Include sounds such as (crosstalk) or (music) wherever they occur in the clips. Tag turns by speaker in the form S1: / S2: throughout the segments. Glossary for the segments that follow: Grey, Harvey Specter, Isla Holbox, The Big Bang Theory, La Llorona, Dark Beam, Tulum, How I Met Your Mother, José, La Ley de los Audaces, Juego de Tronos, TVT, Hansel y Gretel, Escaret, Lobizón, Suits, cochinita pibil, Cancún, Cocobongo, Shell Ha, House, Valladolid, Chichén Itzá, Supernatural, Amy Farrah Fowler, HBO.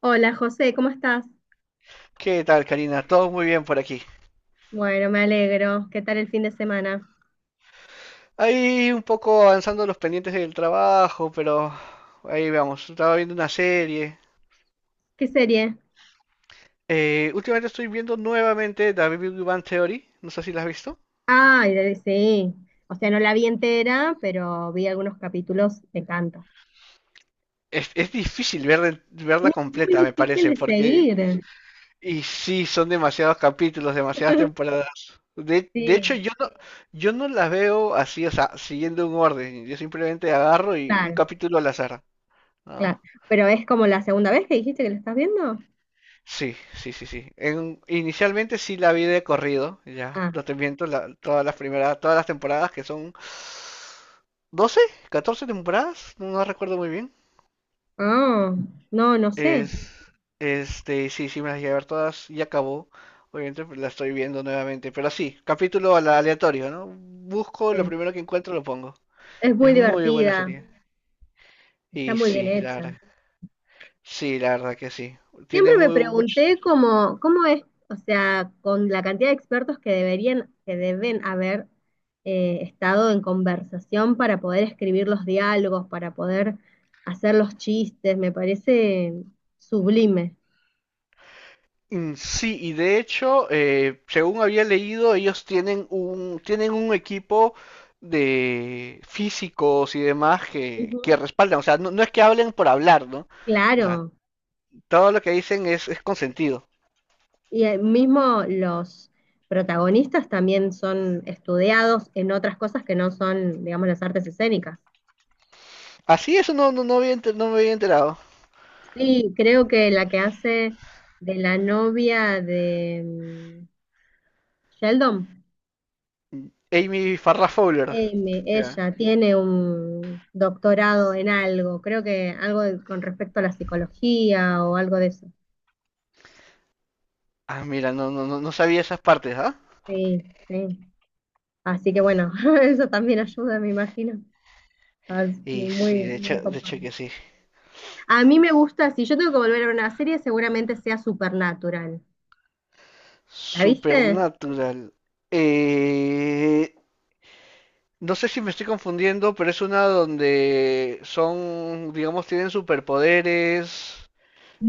S1: Hola José, ¿cómo estás?
S2: ¿Qué tal, Karina? Todo muy bien por aquí.
S1: Bueno, me alegro. ¿Qué tal el fin de semana?
S2: Ahí un poco avanzando los pendientes del trabajo, pero ahí vamos. Estaba viendo una serie.
S1: ¿Qué serie?
S2: Últimamente estoy viendo nuevamente The Big Bang Theory. No sé si la has visto.
S1: Ay, sí. O sea, no la vi entera, pero vi algunos capítulos. Me encanta.
S2: Es difícil verla
S1: Es muy
S2: completa, me
S1: difícil
S2: parece,
S1: de
S2: porque...
S1: seguir.
S2: Y sí, son demasiados capítulos, demasiadas
S1: (laughs)
S2: temporadas. De
S1: Sí,
S2: hecho, yo no la veo así, o sea, siguiendo un orden. Yo simplemente agarro y un
S1: claro,
S2: capítulo al azar, ¿no?
S1: claro. Pero es como la segunda vez que dijiste que la estás viendo.
S2: Sí, sí, sí, sí. Inicialmente sí la vi de corrido, ya,
S1: Ah,
S2: no te miento, todas las primeras, todas las temporadas que son 12, 14 temporadas, no recuerdo muy bien.
S1: ah, no, no sé.
S2: Es, este, sí, sí, me las llegué a ver todas y acabó. Obviamente pues, la estoy viendo nuevamente, pero sí, capítulo aleatorio, ¿no? Busco lo
S1: Eh,
S2: primero que encuentro, lo pongo.
S1: Es
S2: Es
S1: muy
S2: muy buena
S1: divertida.
S2: serie.
S1: Está
S2: Y
S1: muy bien
S2: sí, la verdad.
S1: hecha.
S2: Sí, la verdad que sí.
S1: Siempre
S2: Tiene
S1: me
S2: muy mucho.
S1: pregunté cómo es, o sea, con la cantidad de expertos que deberían, que deben haber estado en conversación para poder escribir los diálogos, para poder hacer los chistes, me parece sublime.
S2: Sí, y de hecho, según había leído, ellos tienen un, equipo de físicos y demás que,
S1: Ujú.
S2: que respaldan. O sea, no, no es que hablen por hablar, ¿no? O sea,
S1: Claro,
S2: todo lo que dicen es consentido.
S1: y mismo los protagonistas también son estudiados en otras cosas que no son, digamos, las artes escénicas.
S2: Así, eso no, no, no había no me había enterado.
S1: Sí, creo que la que hace de la novia de Sheldon,
S2: Amy Farrah Fowler. Ya.
S1: ella tiene un doctorado en algo, creo que algo con respecto a la psicología o algo de eso.
S2: Ah, mira, no, no, no, no sabía esas partes, ¿ah?
S1: Sí, sí. Así que bueno, (laughs) eso también ayuda, me imagino. Ah, es
S2: Y sí,
S1: muy, muy
S2: de
S1: copado.
S2: hecho que sí.
S1: A mí me gusta, si yo tengo que volver a ver una serie, seguramente sea Supernatural. ¿La viste?
S2: Supernatural. Eh, No sé si me estoy confundiendo, pero es una donde son, digamos, tienen superpoderes,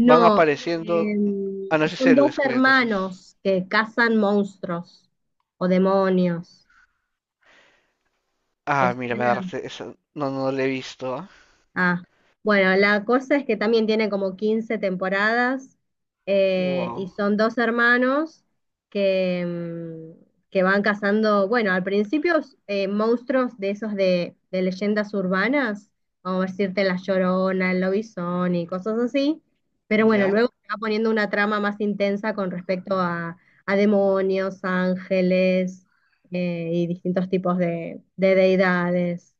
S2: van apareciendo. Ah, no, ese es
S1: son dos
S2: héroes, creo, entonces.
S1: hermanos que cazan monstruos o demonios. ¿Te
S2: Ah, mira, me
S1: suena?
S2: agarraste esa. No, no no la he visto, ¿ah?
S1: Ah, bueno, la cosa es que también tiene como 15 temporadas, y
S2: Wow.
S1: son dos hermanos que van cazando, bueno, al principio monstruos de esos de leyendas urbanas, como decirte La Llorona, el Lobizón y cosas así, pero bueno,
S2: Ya.
S1: luego se va poniendo una trama más intensa con respecto a demonios, ángeles, y distintos tipos de deidades.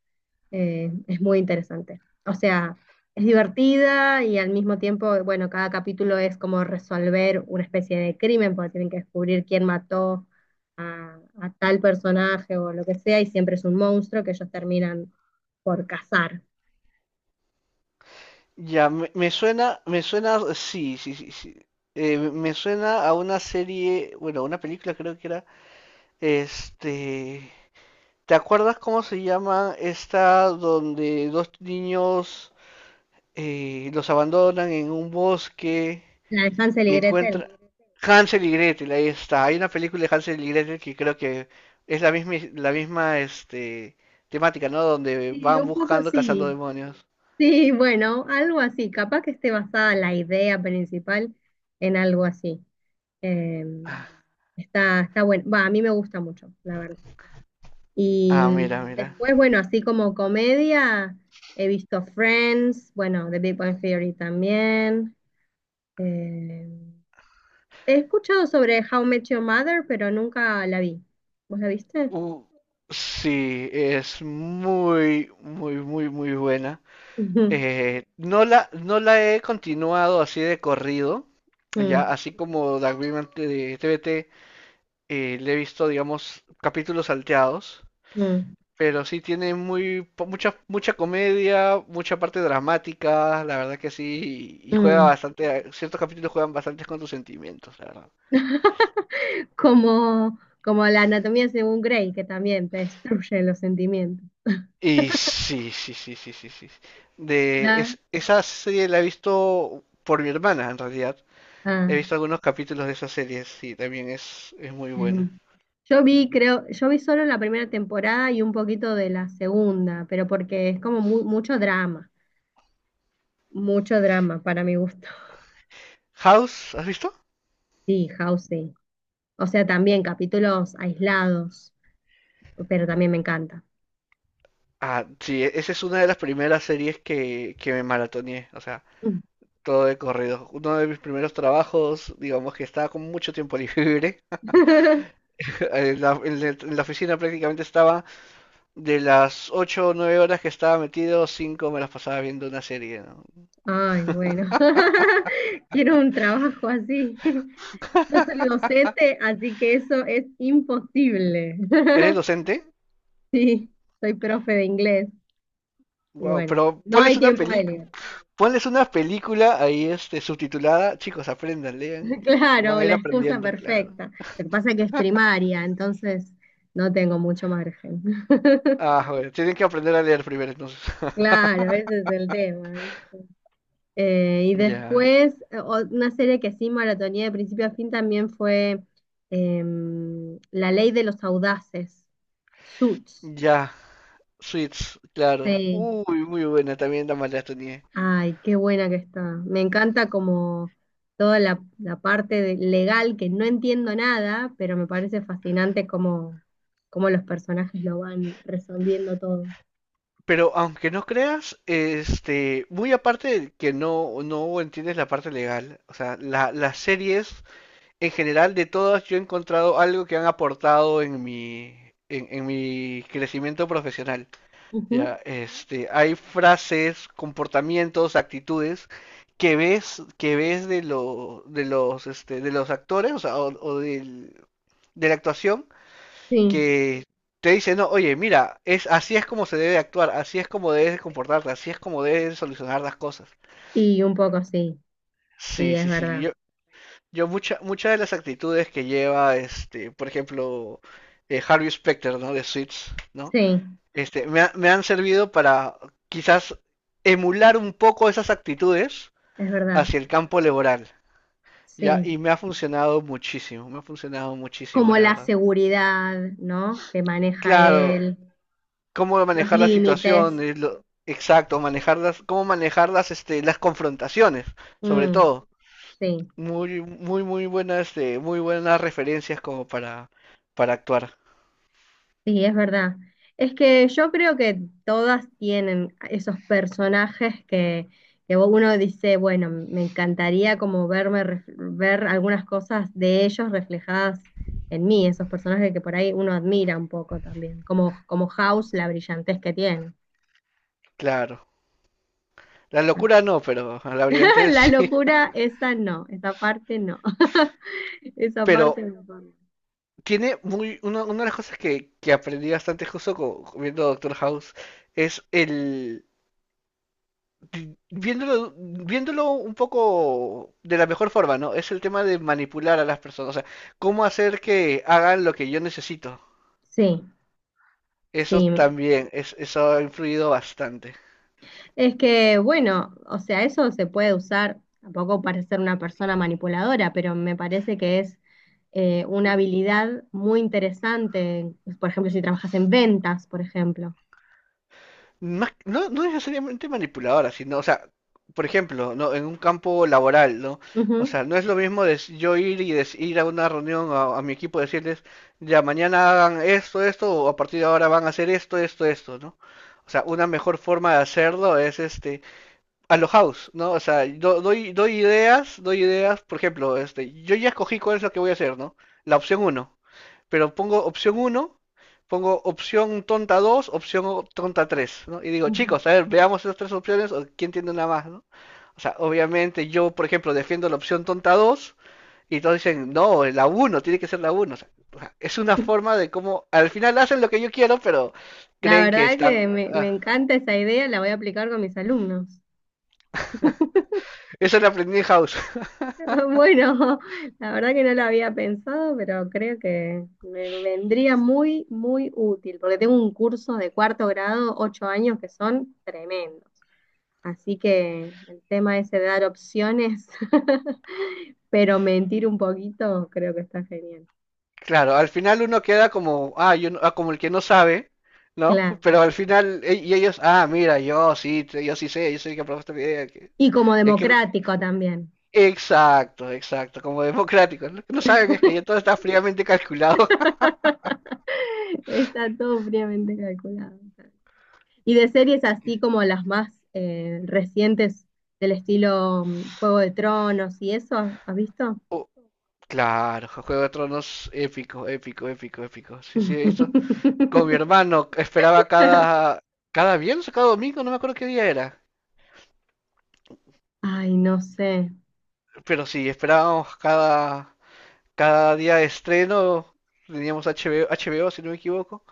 S1: Es muy interesante, o sea, es divertida y al mismo tiempo, bueno, cada capítulo es como resolver una especie de crimen, porque tienen que descubrir quién mató a tal personaje o lo que sea, y siempre es un monstruo que ellos terminan por cazar.
S2: Ya, me suena, me suena, sí, sí, sí, sí. Me suena a una serie, bueno, una película creo que era, este, ¿te acuerdas cómo se llama esta donde dos niños los abandonan en un bosque
S1: La de Hansel y
S2: y
S1: Gretel.
S2: encuentran Hansel y Gretel, ahí está. Hay una película de Hansel y Gretel que creo que es la misma este, temática, ¿no? Donde
S1: Sí,
S2: van
S1: un poco
S2: buscando, cazando
S1: sí.
S2: demonios.
S1: Sí, bueno, algo así. Capaz que esté basada la idea principal en algo así. Eh,
S2: Ah,
S1: está bueno. Va, a mí me gusta mucho, la verdad. Y
S2: ah, mira, mira.
S1: después, bueno, así como comedia, he visto Friends, bueno, The Big Bang Theory también. Eh, He escuchado sobre How I Met Your Mother, pero nunca la vi. ¿Vos la viste?
S2: Uh, sí, es muy, muy, muy, muy buena.
S1: Ujú.
S2: No la he continuado así de corrido,
S1: (laughs)
S2: ya,
S1: Mm,
S2: así como Dark Beam de TVT, le he visto, digamos, capítulos salteados,
S1: mm,
S2: pero sí tiene mucha comedia, mucha parte dramática, la verdad que sí, y juega
S1: mm.
S2: bastante, ciertos capítulos juegan bastante con tus sentimientos, la verdad.
S1: (laughs) Como la anatomía según Grey, que también te destruye los sentimientos.
S2: Y sí, sí, sí, sí, sí, sí.
S1: Claro.
S2: Esa serie la he visto por mi hermana, en realidad.
S1: Ah.
S2: He visto algunos capítulos de esa serie, sí, también es muy buena.
S1: Ujú. Yo vi, creo, yo vi solo la primera temporada y un poquito de la segunda, pero porque es como mucho drama para mi gusto. (laughs)
S2: House, ¿has visto?
S1: Sí, House, sí. O sea, también capítulos aislados, pero también me encanta.
S2: Ah, sí, esa es una de las primeras series que, me maratoneé, o sea.
S1: Mm.
S2: Todo de corrido. Uno de mis primeros trabajos, digamos que estaba con mucho tiempo libre.
S1: (laughs)
S2: (laughs) En la oficina prácticamente estaba de las 8 o 9 horas que estaba metido, 5 me las pasaba viendo una serie, ¿no?
S1: Ay, bueno. (laughs) Quiero un trabajo así. (laughs) Yo soy docente, así que eso es imposible.
S2: ¿Eres
S1: (laughs)
S2: docente?
S1: Sí, soy profe de inglés y
S2: Wow,
S1: bueno,
S2: pero
S1: no
S2: ponles
S1: hay
S2: una
S1: tiempo de
S2: peli,
S1: leer.
S2: ponles una película ahí este subtitulada, chicos, aprendan, lean, van
S1: Claro,
S2: a ir
S1: la excusa
S2: aprendiendo, claro.
S1: perfecta. Lo que pasa es que es primaria, entonces no tengo mucho margen. (laughs)
S2: Ah, bueno, tienen que aprender a leer primero entonces. (laughs)
S1: Claro, ese es el tema, ¿viste? Y
S2: Ya,
S1: después, una serie que sí maratoneé de principio a fin también fue La Ley de los Audaces, Suits.
S2: ya, Suits, claro.
S1: Sí.
S2: Uy, muy buena también la maratoné.
S1: Ay, qué buena que está. Me encanta como toda la parte legal, que no entiendo nada, pero me parece fascinante cómo los personajes lo van resolviendo todo.
S2: Pero aunque no creas, este, muy aparte de que no, no entiendes la parte legal, o sea, las series en general de todas yo he encontrado algo que han aportado en en mi crecimiento profesional.
S1: Ujú.
S2: Ya, este, hay frases, comportamientos, actitudes que ves de los, este, de los actores, o sea, de la actuación
S1: Sí,
S2: que te dice, no, oye, mira, es así es como se debe actuar, así es como debes de comportarte, así es como debes de solucionar las cosas.
S1: y un poco sí, sí,
S2: Sí,
S1: es
S2: sí, sí.
S1: verdad.
S2: Yo muchas de las actitudes que lleva, este, por ejemplo, Harvey Specter, ¿no? De Suits, ¿no?
S1: Sí,
S2: Este, me han servido para quizás emular un poco esas actitudes
S1: es verdad,
S2: hacia el campo laboral, ¿ya?
S1: sí.
S2: Y me ha funcionado muchísimo, me ha funcionado muchísimo,
S1: Como
S2: la
S1: la
S2: verdad.
S1: seguridad, ¿no? Que maneja
S2: Claro,
S1: él,
S2: cómo
S1: los
S2: manejar las
S1: límites.
S2: situaciones, exacto, manejarlas, cómo manejar este, las confrontaciones, sobre
S1: Mm,
S2: todo.
S1: sí,
S2: Muy, muy, muy buenas, este, muy buenas referencias como para, actuar,
S1: sí, es verdad. Es que yo creo que todas tienen esos personajes que uno dice, bueno, me encantaría como verme, ver algunas cosas de ellos reflejadas en mí, esos personajes que por ahí uno admira un poco también, como House, la brillantez que tiene.
S2: claro. La locura
S1: (laughs)
S2: no, pero a la brillante
S1: La
S2: sí. (laughs)
S1: locura, esa no, esa parte no. (laughs) Esa parte
S2: Pero
S1: no.
S2: tiene una, de las cosas que aprendí bastante justo viendo Doctor House es viéndolo un poco de la mejor forma, ¿no? Es el tema de manipular a las personas, o sea, cómo hacer que hagan lo que yo necesito.
S1: Sí,
S2: Eso
S1: sí.
S2: también, eso ha influido bastante.
S1: Es que, bueno, o sea, eso se puede usar tampoco para ser una persona manipuladora, pero me parece que es una habilidad muy interesante, pues, por ejemplo, si trabajas en ventas, por ejemplo.
S2: No, no necesariamente manipuladora, sino, o sea, por ejemplo, ¿no? En un campo laboral, ¿no? O
S1: Ujú.
S2: sea, no es lo mismo yo ir y ir a una reunión a mi equipo y decirles, ya mañana hagan esto, esto, o a partir de ahora van a hacer esto, esto, esto, ¿no? O sea, una mejor forma de hacerlo es este, a lo house, ¿no? O sea, doy ideas, por ejemplo, este, yo ya escogí cuál es lo que voy a hacer, ¿no? La opción uno. Pero pongo opción uno, pongo opción tonta 2, opción tonta 3, ¿no? Y digo,
S1: Ujú.
S2: chicos, a ver, veamos esas tres opciones o quién tiene una más, ¿no? O sea, obviamente yo, por ejemplo, defiendo la opción tonta 2 y todos dicen, no, la uno, tiene que ser la uno. o sea, es una forma de cómo, al final hacen lo que yo quiero, pero
S1: La
S2: creen que
S1: verdad
S2: están...
S1: que me
S2: Ah,
S1: encanta esa idea, la voy a aplicar con mis alumnos. (laughs)
S2: eso lo aprendí en house. (laughs)
S1: Bueno, la verdad que no lo había pensado, pero creo que me vendría muy, muy útil, porque tengo un curso de cuarto grado, 8 años, que son tremendos. Así que el tema ese de dar opciones, (laughs) pero mentir un poquito, creo que está genial.
S2: Claro, al final uno queda como, ah, como el que no sabe, ¿no?
S1: Claro.
S2: Pero al final, y ellos, ah, mira, yo sí sé, yo soy el que aprobó esta idea.
S1: Y como
S2: Es que,
S1: democrático también.
S2: exacto, exacto, como democrático. Lo que no saben es que ya todo está fríamente calculado. (laughs)
S1: (laughs) Está todo fríamente calculado. Y de series así como las más recientes, del estilo Juego de Tronos y eso, ¿has visto?
S2: Oh, claro, Juego de Tronos, épico, épico, épico, épico. Sí, sí, eso. Con mi
S1: (laughs)
S2: hermano esperaba cada viernes o cada domingo, no me acuerdo qué día era.
S1: Ay, no sé.
S2: Pero sí, esperábamos cada día de estreno teníamos HBO, HBO si no me equivoco.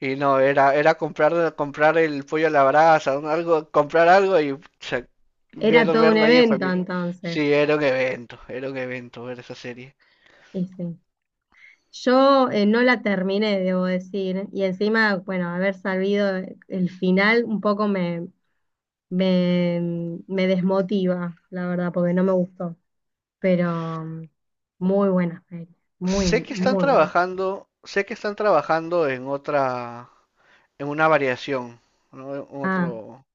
S2: Y no, era comprar el pollo a la brasa, algo, comprar algo y pucha,
S1: Era todo un
S2: verlo ahí en
S1: evento
S2: familia.
S1: entonces.
S2: Sí, era un evento ver esa serie.
S1: Y sí. Yo no la terminé, debo decir, y encima, bueno, haber sabido el final un poco me, me desmotiva, la verdad, porque no me gustó, pero muy buena feria, muy,
S2: Sé que están
S1: muy buena.
S2: trabajando, sé que están trabajando en otra, en una variación, ¿no? En
S1: Ah,
S2: otro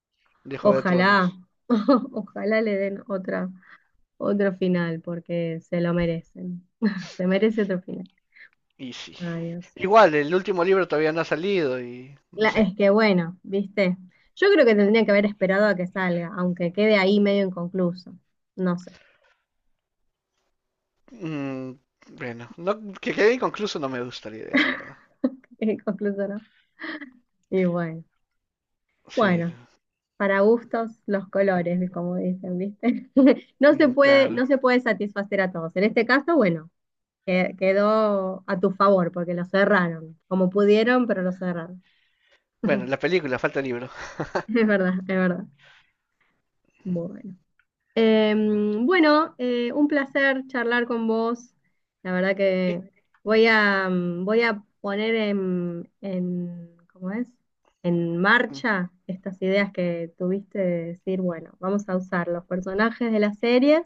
S2: de Juego de
S1: ojalá,
S2: Tronos.
S1: (laughs) ojalá le den otra, otro final, porque se lo merecen, (laughs) se merece otro final.
S2: Y sí.
S1: Ay, Dios.
S2: Igual, el último libro todavía no ha salido y no sé.
S1: Es que bueno, viste, yo creo que tendría que haber esperado a que salga, aunque quede ahí medio inconcluso. No sé,
S2: Mm, bueno, no, que quede inconcluso no me gusta la idea, la verdad.
S1: (laughs) inconcluso no. Y bueno,
S2: Sí,
S1: bueno, para gustos los colores, como dicen, viste. (laughs) No se
S2: mm,
S1: puede,
S2: claro.
S1: no se puede satisfacer a todos. En este caso, bueno, quedó a tu favor porque lo cerraron, como pudieron, pero lo cerraron.
S2: Bueno, la
S1: (laughs)
S2: película, falta el libro.
S1: Es verdad, es verdad. Bueno. Bueno, un placer charlar con vos. La verdad que
S2: Y-
S1: voy a poner ¿cómo es? En
S2: mm,
S1: marcha estas ideas que tuviste de decir, bueno, vamos a usar los personajes de las series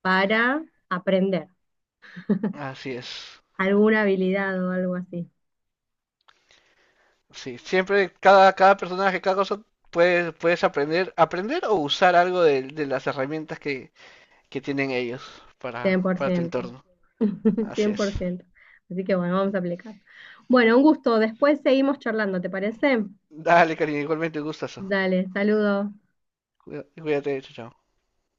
S1: para aprender (laughs)
S2: Así es.
S1: alguna habilidad o algo así.
S2: Sí, siempre cada personaje, cada cosa, puedes aprender, o usar algo de las herramientas que, tienen ellos para,
S1: Cien por
S2: para tu
S1: ciento,
S2: entorno.
S1: (laughs)
S2: Así
S1: cien
S2: es.
S1: por ciento. Así que bueno, vamos a aplicar. Bueno, un gusto. Después seguimos charlando, ¿te parece?
S2: Dale, cariño, igualmente un gustazo.
S1: Dale, saludos.
S2: Cuídate, chao, chao.